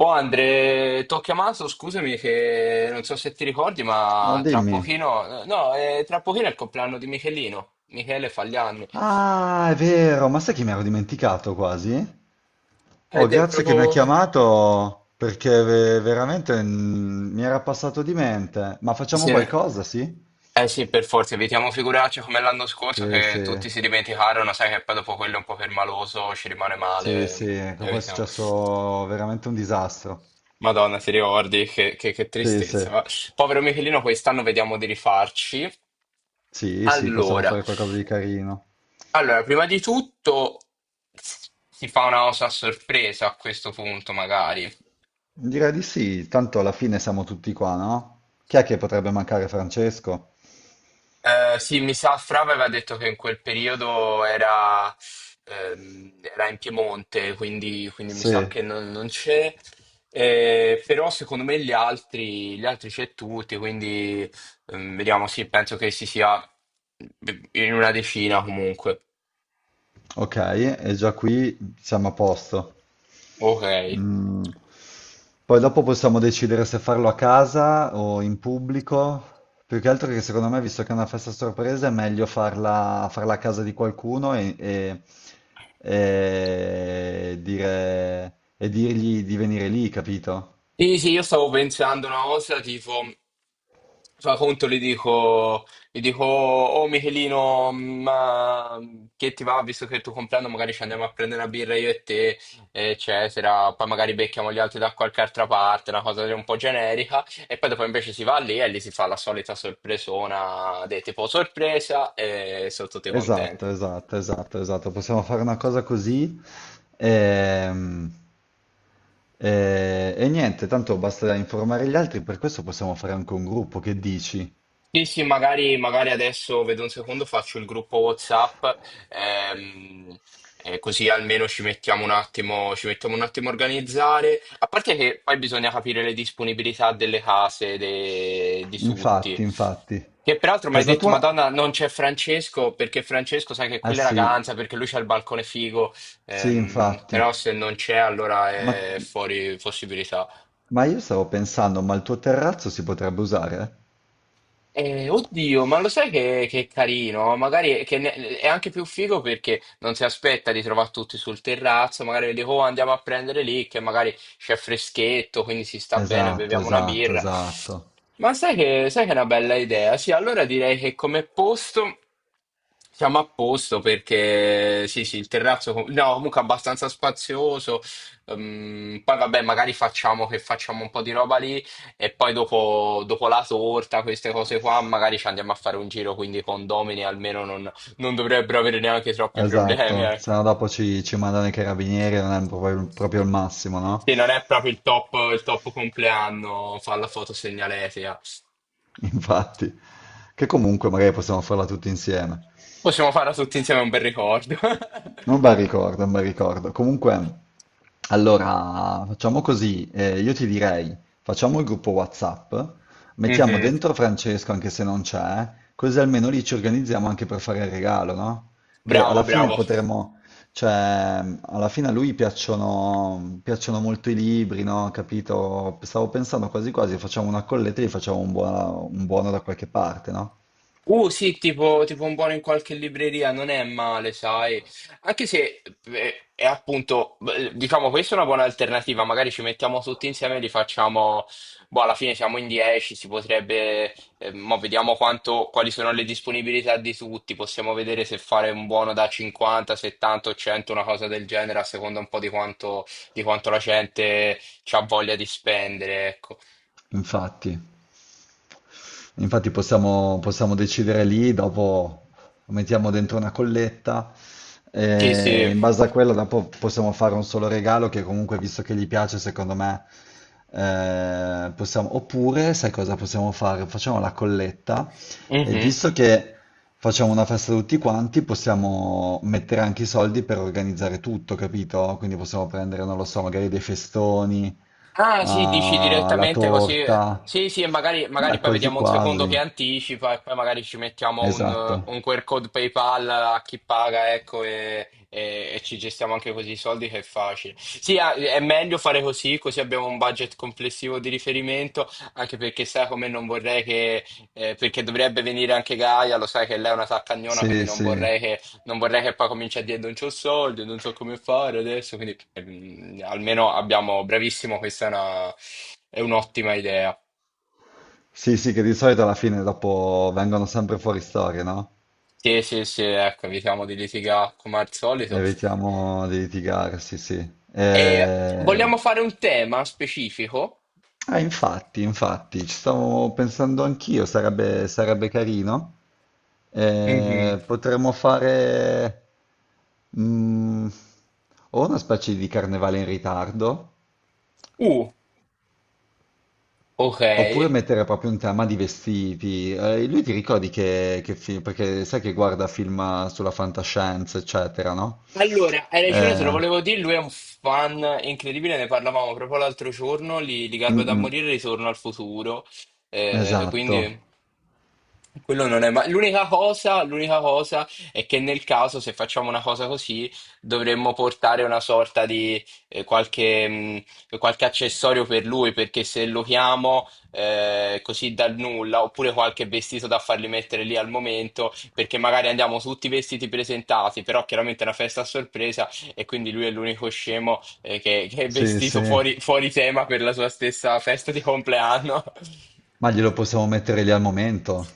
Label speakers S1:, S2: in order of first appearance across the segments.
S1: Oh Andre, ti ho chiamato, scusami che non so se ti ricordi,
S2: Oh,
S1: ma tra
S2: dimmi.
S1: pochino, no, tra pochino è il compleanno di Michelino. Michele fa gli anni.
S2: Ah, è vero, ma sai che mi ero dimenticato quasi? Oh,
S1: Ed è
S2: grazie che mi ha
S1: proprio.
S2: chiamato perché veramente mi era passato di mente. Ma facciamo
S1: Sì.
S2: qualcosa, sì?
S1: Eh sì, per forza, evitiamo figuracce come l'anno scorso
S2: Sì,
S1: che
S2: sì,
S1: tutti si dimenticarono, sai che poi dopo quello un po' permaloso ci rimane
S2: sì,
S1: male.
S2: sì, che poi è
S1: Evitiamo.
S2: successo veramente un disastro.
S1: Madonna, ti ricordi? Che
S2: Sì, sì,
S1: tristezza. Povero Michelino, quest'anno vediamo di rifarci.
S2: sì, sì, possiamo
S1: Allora.
S2: fare qualcosa di carino.
S1: Allora, prima di tutto si fa una cosa a sorpresa a questo punto, magari.
S2: Direi di sì, tanto alla fine siamo tutti qua, no? Chi è che potrebbe mancare Francesco?
S1: Sì, mi sa, Fra aveva detto che in quel periodo era in Piemonte, quindi mi sa
S2: Sì,
S1: che non c'è. Però secondo me gli altri c'è tutti, quindi vediamo, sì, penso che si sia in una decina comunque.
S2: ok, e già qui siamo a posto.
S1: Ok.
S2: Mm. Poi dopo possiamo decidere se farlo a casa o in pubblico. Più che altro che secondo me, visto che è una festa sorpresa, è meglio farla a casa di qualcuno e e dirgli di venire lì, capito?
S1: Sì, sì, io stavo pensando una cosa, tipo, fa conto, gli dico, oh Michelino, ma che ti va, visto che è il tuo compleanno, magari ci andiamo a prendere una birra io e te, eccetera, poi magari becchiamo gli altri da qualche altra parte, una cosa un po' generica, e poi dopo invece si va lì e lì si fa la solita sorpresona, de tipo sorpresa, e sono tutti contenti.
S2: Esatto, esatto, esatto, esatto. Possiamo fare una cosa così. ehm, e niente, tanto basta informare gli altri, per questo possiamo fare anche un gruppo, che dici?
S1: Sì, sì, magari adesso vedo un secondo, faccio il gruppo WhatsApp, ehm, così almeno ci mettiamo un attimo, ci mettiamo un attimo a organizzare. A parte che poi bisogna capire le disponibilità delle case di
S2: Infatti,
S1: tutti.
S2: infatti.
S1: Che peraltro mi hai
S2: Casa
S1: detto,
S2: tua?
S1: Madonna, non c'è Francesco, perché Francesco sai che
S2: Ah
S1: quella è
S2: sì,
S1: ragazza, perché lui c'ha il balcone figo,
S2: sì, infatti.
S1: però se non c'è allora
S2: Ma,
S1: è fuori possibilità.
S2: ma io stavo pensando, ma il tuo terrazzo si potrebbe usare?
S1: Oddio, ma lo sai che è carino? Magari è anche più figo perché non si aspetta di trovare tutti sul terrazzo, magari dico "Oh, andiamo a prendere lì, che magari c'è freschetto, quindi si sta bene,
S2: Esatto,
S1: beviamo una
S2: esatto,
S1: birra."
S2: esatto.
S1: Ma sai che è una bella idea? Sì, allora direi che come posto siamo a posto perché sì, sì, il terrazzo com- no, comunque abbastanza spazioso. Poi vabbè, magari facciamo che facciamo un po' di roba lì. E poi dopo la torta, queste cose qua, magari ci andiamo a fare un giro, quindi i condomini almeno non dovrebbero avere neanche troppi problemi.
S2: Esatto,
S1: Ecco.
S2: se no dopo ci mandano i carabinieri, non è proprio il massimo, no?
S1: Sì, non è proprio il top compleanno, fa la foto segnaletica.
S2: Infatti, che comunque magari possiamo farla tutti insieme.
S1: Possiamo farla tutti insieme, è un bel ricordo.
S2: Non mi ricordo, non mi ricordo. Comunque, allora, facciamo così. Io ti direi, facciamo il gruppo WhatsApp, mettiamo
S1: Mhm.
S2: dentro Francesco anche se non c'è, così almeno lì ci organizziamo anche per fare il regalo, no? Che
S1: Bravo,
S2: alla fine
S1: bravo.
S2: potremmo, cioè, alla fine a lui piacciono, piacciono molto i libri, no? Capito? Stavo pensando quasi quasi, facciamo una colletta e gli facciamo un buono da qualche parte, no?
S1: Sì, tipo un buono in qualche libreria, non è male, sai. Anche se è appunto, beh, diciamo, questa è una buona alternativa. Magari ci mettiamo tutti insieme e li facciamo. Boh, alla fine siamo in 10, si potrebbe. Mo vediamo quanto, quali sono le disponibilità di tutti. Possiamo vedere se fare un buono da 50, 70 o 100, una cosa del genere, a seconda un po' di quanto la gente ha voglia di spendere, ecco.
S2: Infatti. Infatti possiamo, possiamo decidere lì, dopo lo mettiamo dentro una colletta
S1: Sì,
S2: e
S1: sì.
S2: in base a quella dopo possiamo fare un solo regalo che comunque, visto che gli piace, secondo me, possiamo... Oppure, sai cosa possiamo fare? Facciamo la colletta e
S1: Mhm.
S2: visto che facciamo una festa tutti quanti, possiamo mettere anche i soldi per organizzare tutto, capito? Quindi possiamo prendere, non lo so, magari dei festoni.
S1: Ah, sì, dici
S2: Ah, la
S1: direttamente così.
S2: torta.
S1: Sì, sì, e magari,
S2: Beh,
S1: magari poi
S2: quasi
S1: vediamo un secondo che
S2: quasi,
S1: anticipa e poi magari ci mettiamo un,
S2: esatto.
S1: eh, un QR code PayPal a chi paga, ecco, e ci gestiamo anche così i soldi che è facile. Sì, ah, è meglio fare così, così abbiamo un budget complessivo di riferimento, anche perché sai come non vorrei che, perché dovrebbe venire anche Gaia, lo sai che lei è una saccagnona, quindi
S2: Sì,
S1: non
S2: sì.
S1: vorrei non vorrei che poi cominci a dire non c'ho soldi, non so come fare adesso, quindi almeno abbiamo, bravissimo, questa è una, è un'ottima idea.
S2: Sì, sì, che di solito alla fine dopo vengono sempre fuori storie, no?
S1: Sì, sì, sì, ecco, evitiamo di litigare come al solito.
S2: Evitiamo di litigare, sì, sì.
S1: E vogliamo
S2: Eh,
S1: fare un tema specifico?
S2: ah, infatti, infatti, ci stavo pensando anch'io, sarebbe, sarebbe carino.
S1: Mhm.
S2: Potremmo fare mm, o una specie di carnevale in ritardo,
S1: Uh, ok.
S2: oppure mettere proprio un tema di vestiti. Lui ti ricordi che film, perché sai che guarda film sulla fantascienza, eccetera, no?
S1: Allora, hai ragione, te lo
S2: Eh,
S1: volevo dire, lui è un fan incredibile, ne parlavamo proprio l'altro giorno, li
S2: mm,
S1: garba da
S2: mm,
S1: morire, Ritorno al Futuro, quindi
S2: esatto.
S1: quello non è mai. L'unica cosa è che nel caso, se facciamo una cosa così, dovremmo portare una sorta di qualche accessorio per lui, perché se lo chiamo così dal nulla, oppure qualche vestito da farli mettere lì al momento, perché magari andiamo tutti vestiti presentati, però chiaramente è una festa a sorpresa e quindi lui è l'unico scemo che è
S2: Sì,
S1: vestito
S2: sì.
S1: fuori tema per la sua stessa festa di compleanno.
S2: Ma glielo possiamo mettere lì al momento.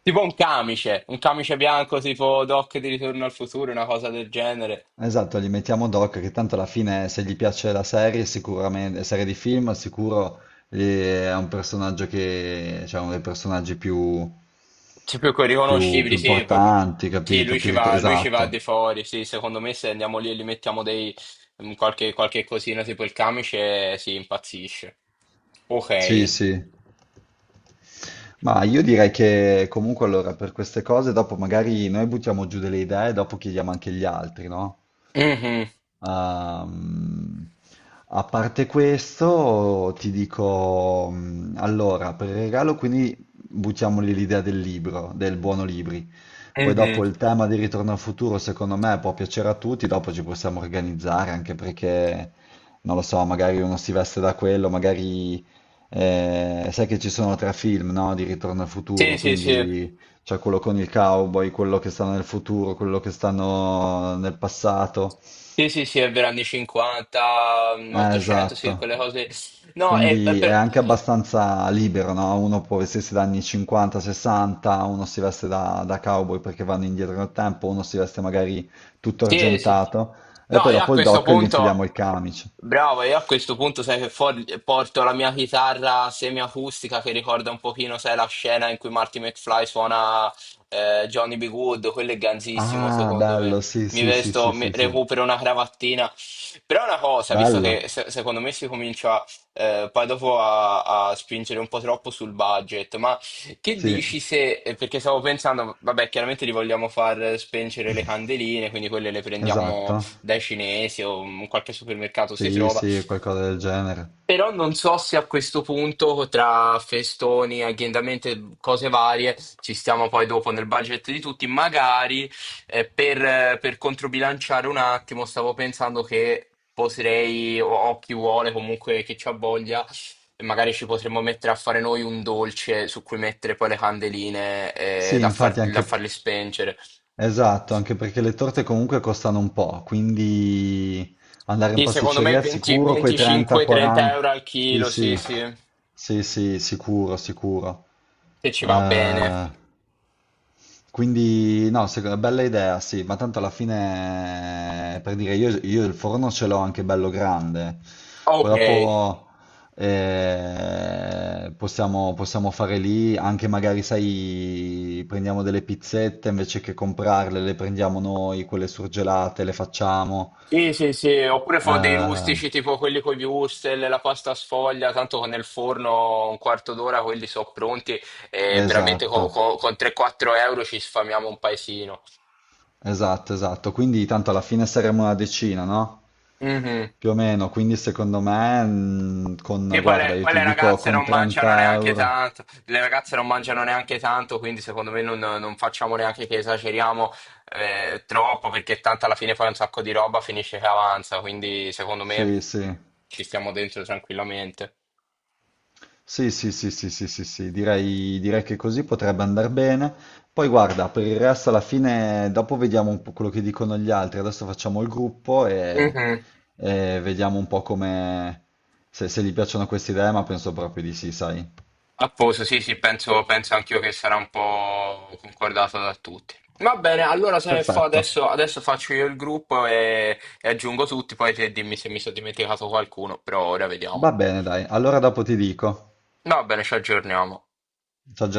S1: Tipo un camice bianco tipo Doc di Ritorno al Futuro, una cosa del genere.
S2: Esatto, gli mettiamo Doc, che tanto alla fine se gli piace la serie, sicuramente, serie di film, sicuro è un personaggio che, cioè uno dei personaggi più,
S1: Sì, più che
S2: più
S1: riconoscibili, sì,
S2: importanti,
S1: sì,
S2: capito? Più
S1: lui ci va di
S2: esatto.
S1: fuori, sì, secondo me se andiamo lì e gli mettiamo qualche cosina tipo il camice, si impazzisce.
S2: Sì,
S1: Ok.
S2: sì. Ma io direi che comunque allora per queste cose dopo magari noi buttiamo giù delle idee e dopo chiediamo anche gli altri, no?
S1: Mhm.
S2: Ehm, a parte questo ti dico, allora per il regalo quindi buttiamoli l'idea del libro, del buono libri. Poi
S1: Mhm.
S2: dopo il tema di Ritorno al futuro, secondo me, può piacere a tutti, dopo ci possiamo organizzare, anche perché, non lo so, magari uno si veste da quello, magari sai che ci sono tre film, no, di Ritorno al
S1: Sì,
S2: futuro,
S1: sì, sì.
S2: quindi c'è quello con il cowboy, quello che sta nel futuro, quello che stanno nel passato.
S1: Sì, sì, sì, è vero, anni 50, 800, sì,
S2: Esatto.
S1: quelle cose. No, è
S2: Quindi è
S1: per.
S2: anche abbastanza libero, no? Uno può vestirsi da anni 50, 60, uno si veste da cowboy perché vanno indietro nel tempo, uno si veste magari tutto
S1: Sì, sì.
S2: argentato e
S1: No,
S2: poi
S1: io a
S2: dopo il
S1: questo
S2: doc gli
S1: punto.
S2: infiliamo il camice.
S1: Bravo, io a questo punto sai che porto la mia chitarra semiacustica che ricorda un pochino, sai, la scena in cui Marty McFly suona Johnny B. Good, quello è ganzissimo
S2: Ah,
S1: secondo me.
S2: bello, sì,
S1: Mi
S2: sì, sì,
S1: vesto,
S2: sì, sì, sì.
S1: recupero una cravattina. Però una cosa, visto
S2: Bello.
S1: che secondo me si comincia poi dopo a spingere un po' troppo sul budget, ma che
S2: Sì.
S1: dici se, perché stavo pensando, vabbè, chiaramente li vogliamo far spengere le candeline, quindi quelle le
S2: Esatto.
S1: prendiamo dai cinesi o in qualche supermercato si
S2: Sì,
S1: trova.
S2: sì, qualcosa del genere.
S1: Però non so se a questo punto, tra festoni, agghiendamenti, cose varie, ci stiamo poi dopo nel budget di tutti. Magari per controbilanciare un attimo, stavo pensando che potrei, o chi vuole comunque che ci ha voglia, magari ci potremmo mettere a fare noi un dolce su cui mettere poi le candeline eh,
S2: Sì,
S1: da, far-
S2: infatti
S1: da
S2: anche...
S1: farle spengere.
S2: Esatto, anche perché le torte comunque costano un po', quindi andare in
S1: Sì, secondo me
S2: pasticceria al
S1: 20
S2: sicuro quei
S1: 25-30
S2: 30-40.
S1: euro al
S2: Sì,
S1: chilo, sì,
S2: sì,
S1: sì,
S2: sì, sì, sicuro, sicuro.
S1: se ci va bene.
S2: Eh, quindi, no, secondo- bella idea, sì, ma tanto alla fine, per dire, io il forno ce l'ho anche bello grande, poi
S1: Ok.
S2: dopo possiamo, possiamo fare lì, anche magari, sai, prendiamo delle pizzette, invece che comprarle, le prendiamo noi, quelle surgelate, le facciamo.
S1: Sì, sì, sì, oppure fa dei
S2: Eh,
S1: rustici tipo quelli con gli wurstel, la pasta sfoglia, tanto con il forno un quarto d'ora quelli sono pronti e veramente
S2: esatto,
S1: con 3-4 euro ci sfamiamo un paesino.
S2: esatto, esatto, quindi tanto alla fine saremo una decina, no?
S1: Mhm.
S2: Più o meno, quindi secondo me, con,
S1: E poi
S2: guarda,
S1: le,
S2: io
S1: poi
S2: ti
S1: le
S2: dico
S1: ragazze
S2: con
S1: non mangiano
S2: 30
S1: neanche
S2: euro.
S1: tanto, le ragazze non mangiano neanche tanto, quindi secondo me non facciamo neanche che esageriamo troppo, perché tanto alla fine fai un sacco di roba, finisce che avanza, quindi secondo me
S2: Sì, sì,
S1: ci stiamo dentro tranquillamente.
S2: sì, sì, sì, sì, sì, sì, sì, direi, direi che così potrebbe andare bene. Poi guarda, per il resto alla fine, dopo vediamo un po' quello che dicono gli altri. Adesso facciamo il gruppo
S1: Mhm.
S2: e vediamo un po' come, se, se gli piacciono queste idee, ma penso proprio di sì, sai.
S1: A posto, sì, sì, penso anch'io che sarà un po' concordato da tutti. Va bene, allora se fa
S2: Perfetto.
S1: adesso, faccio io il gruppo e aggiungo tutti, poi te dimmi se mi sono dimenticato qualcuno, però ora
S2: Va
S1: vediamo.
S2: bene, dai. Allora dopo ti dico.
S1: Va bene, ci aggiorniamo.
S2: Ci